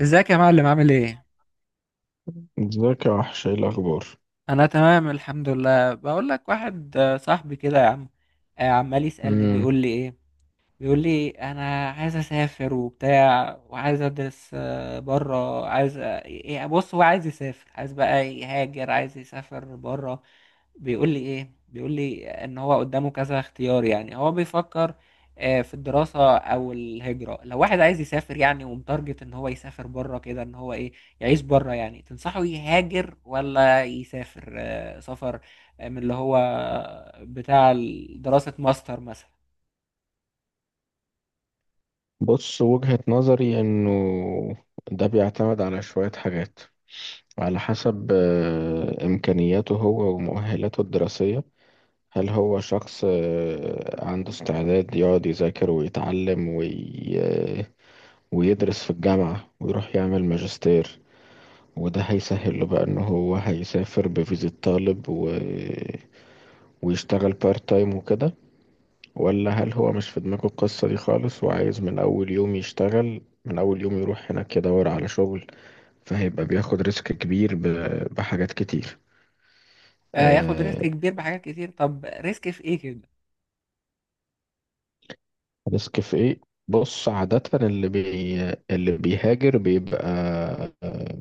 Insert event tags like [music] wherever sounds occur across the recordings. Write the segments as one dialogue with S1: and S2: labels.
S1: ازيك يا معلم؟ عامل ايه؟
S2: ازيك يا وحش، ايه الاخبار؟
S1: انا تمام الحمد لله. بقول لك، واحد صاحبي كده يا عم، عمال يسألني،
S2: امم
S1: بيقول لي ايه، بيقول لي انا عايز اسافر وبتاع وعايز ادرس بره، عايز بص، هو عايز يسافر، عايز بقى يهاجر، عايز يسافر بره. بيقول لي ايه، بيقول لي ان هو قدامه كذا اختيار، يعني هو بيفكر في الدراسة او الهجرة. لو واحد عايز يسافر يعني ومتارجت ان هو يسافر بره كده، ان هو ايه، يعيش بره، يعني تنصحه يهاجر ولا يسافر؟ سفر من اللي هو بتاع دراسة ماستر مثلا.
S2: بص، وجهة نظري انه ده بيعتمد على شوية حاجات، على حسب امكانياته هو ومؤهلاته الدراسية. هل هو شخص عنده استعداد يقعد يذاكر ويتعلم وي... آه، ويدرس في الجامعة ويروح يعمل ماجستير، وده هيسهل له بقى ان هو هيسافر بفيزا طالب ويشتغل بارت تايم وكده، ولا هل هو مش في دماغه القصة دي خالص وعايز من أول يوم يشتغل، من أول يوم يروح هناك يدور على شغل، فهيبقى بياخد ريسك كبير بحاجات كتير.
S1: ياخد
S2: آه،
S1: ريسك كبير بحاجات كتير. طب ريسك في ايه كده؟
S2: ريسك في إيه؟ بص، عادة اللي بيهاجر بيبقى، آه،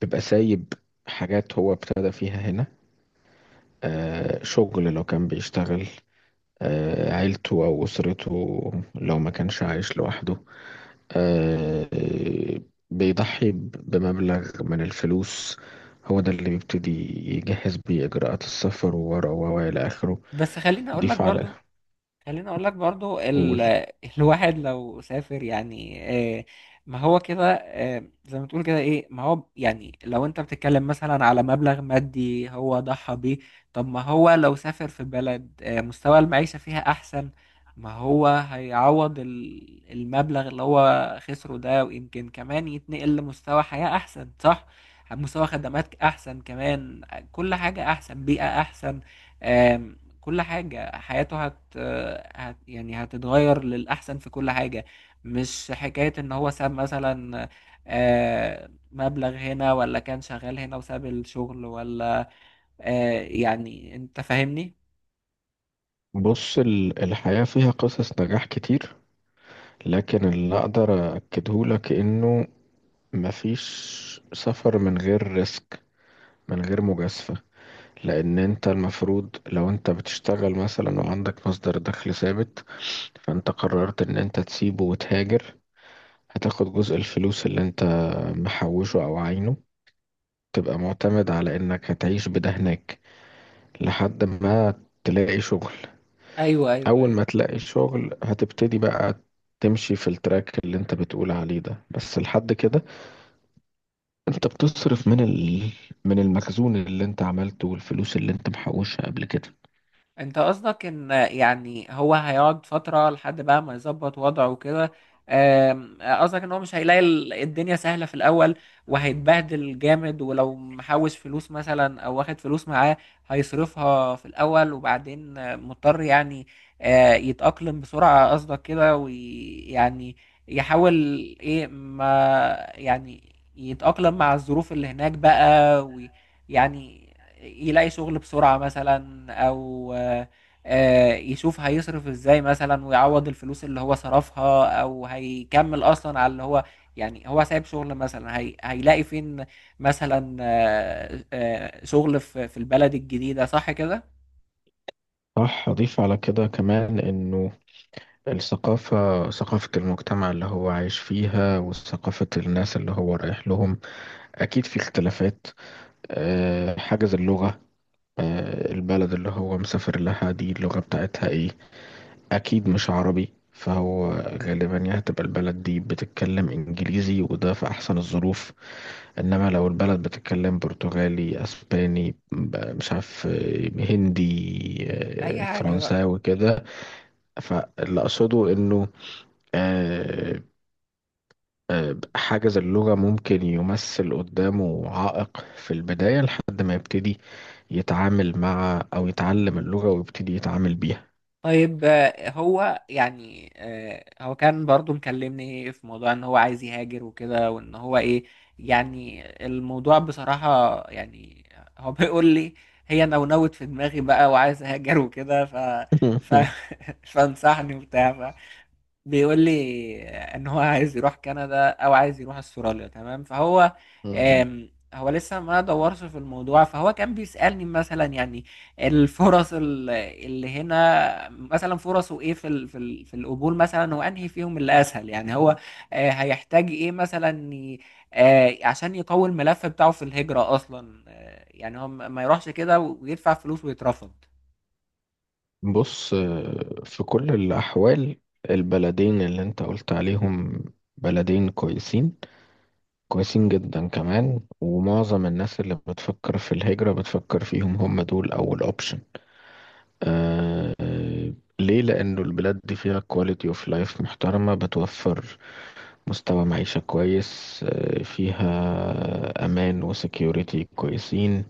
S2: بيبقى سايب حاجات هو ابتدى فيها هنا. آه، شغل لو كان بيشتغل، آه عيلته أو أسرته لو ما كانش عايش لوحده، آه، بيضحي بمبلغ من الفلوس هو ده اللي بيبتدي يجهز بيه إجراءات السفر وورقه و إلى آخره.
S1: بس خليني اقول لك
S2: ضيف على،
S1: برضو، خليني اقول لك برضو
S2: قول.
S1: [laughs] الواحد لو سافر يعني، آه، ما هو كده زي ما تقول كده ايه. ما هو يعني لو انت بتتكلم مثلا على مبلغ مادي هو ضحى بيه، طب ما هو لو سافر في بلد مستوى المعيشة فيها احسن، ما هو هيعوض المبلغ اللي هو خسره ده، ويمكن كمان يتنقل لمستوى حياة احسن، صح؟ مستوى خدمات احسن كمان، كل حاجة احسن، بيئة احسن، كل حاجة حياته هت... هت يعني هتتغير للأحسن في كل حاجة. مش حكاية إن هو ساب مثلا مبلغ هنا، ولا كان شغال هنا وساب الشغل، ولا يعني أنت فاهمني؟
S2: بص، الحياة فيها قصص نجاح كتير، لكن اللي أقدر أكدهولك إنه مفيش سفر من غير ريسك، من غير مجازفة. لأن أنت المفروض لو أنت بتشتغل مثلا وعندك مصدر دخل ثابت، فأنت قررت إن أنت تسيبه وتهاجر، هتاخد جزء الفلوس اللي انت محوشه او عينه، تبقى معتمد على انك هتعيش بده هناك لحد ما تلاقي شغل.
S1: ايوه ايوه
S2: اول
S1: ايوه.
S2: ما تلاقي شغل هتبتدي بقى تمشي في التراك اللي انت بتقول عليه ده، بس لحد كده انت بتصرف من من المخزون اللي انت عملته والفلوس اللي انت محوشها قبل كده.
S1: انت قصدك ان يعني هو هيقعد فترة لحد بقى ما يظبط وضعه وكده؟ قصدك ان هو مش هيلاقي الدنيا سهلة في الاول، وهيتبهدل جامد، ولو محوش فلوس مثلا او واخد فلوس معاه هيصرفها في الاول، وبعدين مضطر يعني يتأقلم بسرعة، قصدك كده؟ ويعني يحاول، ايه ما يعني، يتأقلم مع الظروف اللي هناك بقى، ويعني يلاقي شغل بسرعة مثلا، أو يشوف هيصرف ازاي مثلا، ويعوض الفلوس اللي هو صرفها، أو هيكمل أصلا على اللي هو، يعني هو سايب شغل مثلا، هي هيلاقي فين مثلا شغل في البلد الجديدة، صح كده؟
S2: صح، اضيف على كده كمان انه الثقافة، ثقافة المجتمع اللي هو عايش فيها وثقافة الناس اللي هو رايح لهم، اكيد في اختلافات. حاجز اللغة، البلد اللي هو مسافر لها دي اللغة بتاعتها ايه؟ اكيد مش عربي، فهو غالبا يا هتبقى البلد دي بتتكلم انجليزي وده في احسن الظروف، انما لو البلد بتتكلم برتغالي، اسباني، مش عارف، هندي،
S1: أي حاجة بقى.
S2: فرنساوي كده. فاللي اقصده انه آه، حاجز اللغة ممكن يمثل قدامه عائق في البداية لحد ما يبتدي يتعامل مع أو يتعلم اللغة ويبتدي يتعامل بيها.
S1: طيب هو يعني هو كان برضو مكلمني في موضوع ان هو عايز يهاجر وكده، وان هو ايه، يعني الموضوع بصراحة يعني، هو [laughs] بيقول لي هي نونوت في دماغي بقى وعايز اهاجر وكده، ف ف
S2: [laughs]
S1: [laughs] فانصحني وبتاع. بيقول لي ان هو عايز يروح كندا او عايز يروح استراليا، تمام. فهو هو لسه ما دورش في الموضوع، فهو كان بيسألني مثلا يعني الفرص اللي هنا مثلا، فرصه ايه في القبول مثلا، وانهي فيهم اللي اسهل، يعني هو هيحتاج ايه مثلا عشان يقوي الملف بتاعه في الهجرة اصلا. يعني هو ما يروحش كده ويدفع فلوس ويترفض.
S2: بص، في كل الأحوال البلدين اللي أنت قلت عليهم بلدين كويسين، كويسين جدا كمان، ومعظم الناس اللي بتفكر في الهجرة بتفكر فيهم، هم دول أول أوبشن. آه آه، ليه؟ لأنه البلاد دي فيها كواليتي اوف لايف محترمة، بتوفر مستوى معيشة كويس، فيها أمان وسكيورتي كويسين،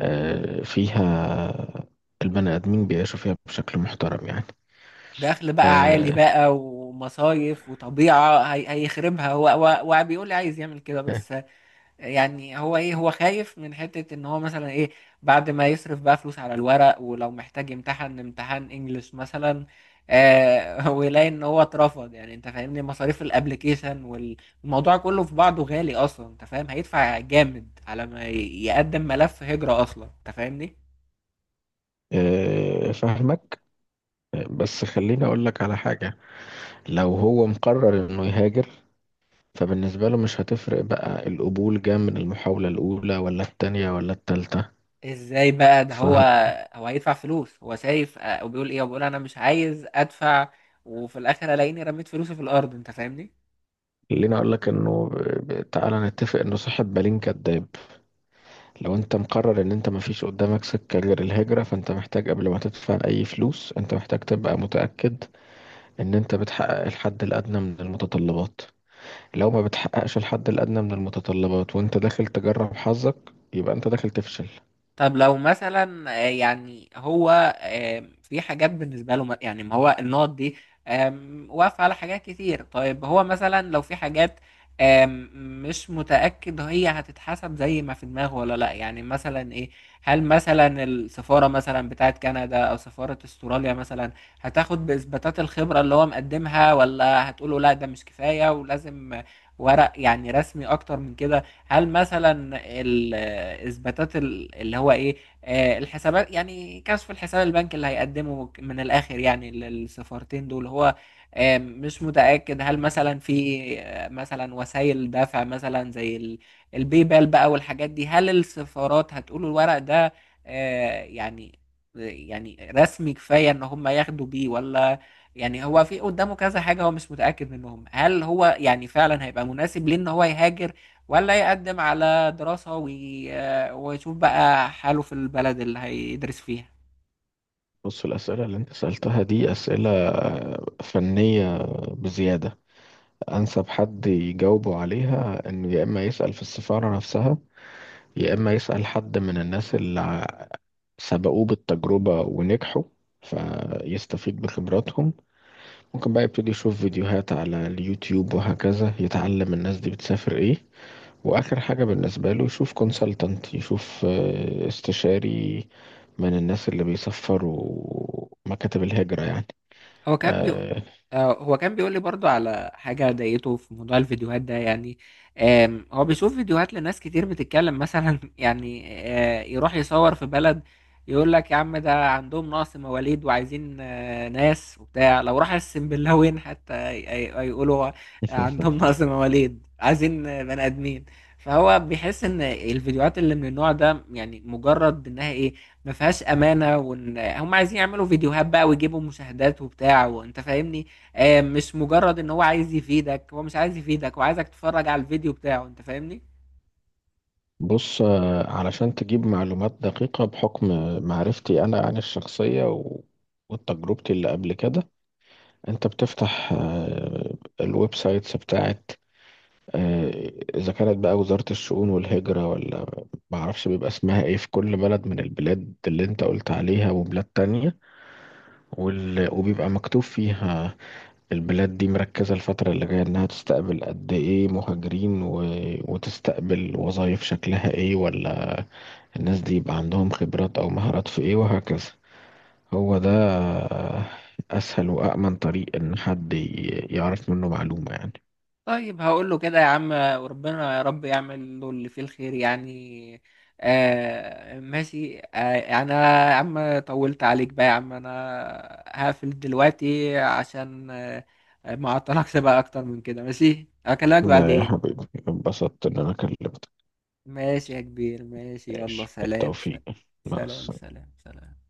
S2: فيها البني آدمين بيعيشوا فيها بشكل محترم يعني.
S1: دخل بقى عالي
S2: آه،
S1: بقى، ومصايف وطبيعة هيخربها. هو بيقول لي عايز يعمل كده بس، يعني هو ايه، هو خايف من حتة ان هو مثلا ايه، بعد ما يصرف بقى فلوس على الورق، ولو محتاج امتحان انجليش مثلا [laughs] ويلاقي ان هو اترفض، يعني انت فاهمني؟ مصاريف الابليكيشن والموضوع كله في بعضه غالي اصلا، انت فاهم؟ هيدفع جامد على ما يقدم ملف هجرة اصلا، انت فاهمني؟
S2: فاهمك. بس خليني أقول لك على حاجة. لو هو مقرر إنه يهاجر، فبالنسبة له مش هتفرق بقى القبول جه من المحاولة الأولى ولا التانية ولا التالتة.
S1: ازاي بقى ده، هو
S2: فخليني
S1: هو هيدفع فلوس، هو شايف وبيقول ايه، وبيقول انا مش عايز ادفع، وفي الاخر الاقيني رميت فلوسي في الارض، انت فاهمني؟
S2: أقول لك إنه تعالى نتفق إنه صاحب بالين كداب. لو أنت مقرر إن أنت مفيش قدامك سكة غير الهجرة، فأنت محتاج قبل ما تدفع أي فلوس أنت محتاج تبقى متأكد ان انت بتحقق الحد الادنى من المتطلبات. لو ما بتحققش الحد الادنى من المتطلبات وانت داخل تجرب حظك، يبقى انت داخل تفشل.
S1: طب لو مثلا يعني هو في حاجات بالنسبة له يعني ما هو النقط دي واقفة على حاجات كتير. طيب هو مثلا لو في حاجات آم، مش متأكد هي هتتحسب زي ما في دماغه ولا لا، يعني مثلا ايه، هل مثلا السفارة مثلا بتاعت كندا او سفارة استراليا مثلا هتاخد بإثباتات الخبرة اللي هو مقدمها، ولا هتقوله لا، ده مش كفاية ولازم ورق يعني رسمي اكتر من كده؟ هل مثلا الاثباتات اللي هو ايه الحسابات، يعني كشف الحساب البنكي اللي هيقدمه من الاخر يعني للسفارتين دول، هو مش متأكد هل مثلا في مثلا وسائل دفع مثلا زي الباي بال بقى والحاجات دي، هل السفارات هتقول الورق ده يعني رسمي كفاية ان هم ياخدوا بيه ولا. يعني هو في قدامه كذا حاجة هو مش متأكد منهم، هل هو يعني فعلا هيبقى مناسب ليه ان هو يهاجر، ولا يقدم على دراسة ويشوف بقى حاله في البلد اللي هيدرس فيها.
S2: بص، الاسئله اللي انت سالتها دي اسئله فنيه بزياده. انسب حد يجاوبه عليها انه يا اما يسال في السفاره نفسها، يا اما يسال حد من الناس سبقوه بالتجربه ونجحوا فيستفيد بخبراتهم. ممكن بقى يبتدي يشوف فيديوهات على اليوتيوب وهكذا يتعلم الناس دي بتسافر ايه. واخر حاجة بالنسبة له يشوف كونسلتنت، يشوف استشاري من الناس اللي بيسفروا مكاتب الهجرة يعني.
S1: هو كان بيقول
S2: آه.
S1: هو كان بيقول لي برضو على حاجة ضايقته في موضوع الفيديوهات ده، يعني هو بيشوف فيديوهات لناس كتير بتتكلم مثلا [laughs] يعني يروح يصور في بلد، يقول لك يا عم ده عندهم نقص مواليد وعايزين ناس وبتاع، لو راح السنبلاوين حتى يقولوا عندهم
S2: [laughs]
S1: نقص مواليد عايزين بني آدمين. فهو بيحس ان الفيديوهات اللي من النوع ده يعني مجرد انها ايه، ما فيهاش امانه، وان هم عايزين يعملوا فيديوهات بقى ويجيبوا مشاهدات وبتاع، وانت فاهمني؟ آه، مش مجرد ان هو عايز يفيدك، هو مش عايز يفيدك، هو عايزك تتفرج على الفيديو بتاعه، انت فاهمني؟
S2: بص، علشان تجيب معلومات دقيقة بحكم معرفتي أنا عن الشخصية وتجربتي اللي قبل كده، أنت بتفتح الويب سايتس بتاعت آه، إذا كانت بقى وزارة الشؤون والهجرة ولا معرفش بيبقى اسمها إيه في كل بلد من البلاد اللي أنت قلت عليها وبلاد تانية، وبيبقى مكتوب فيها البلاد دي مركزة الفترة اللي جاية إنها تستقبل قد إيه مهاجرين وتستقبل وظائف شكلها إيه، ولا الناس دي يبقى عندهم خبرات أو مهارات في إيه وهكذا. هو ده أسهل وأأمن طريق إن حد يعرف منه معلومة يعني.
S1: طيب هقول له كده يا عم، وربنا يا رب يعمل له اللي فيه الخير يعني. آه ماشي. آه، يعني انا يا عم طولت عليك بقى، يا عم انا هقفل دلوقتي عشان ما اعطلكش بقى اكتر من كده. ماشي، اكلمك
S2: لا يا
S1: بعدين.
S2: حبيبي، انبسطت إن أنا كلمتك.
S1: ماشي يا كبير، ماشي، يلا
S2: ماشي،
S1: سلام سلام
S2: بالتوفيق. مع
S1: سلام
S2: السلامة.
S1: سلام سلام.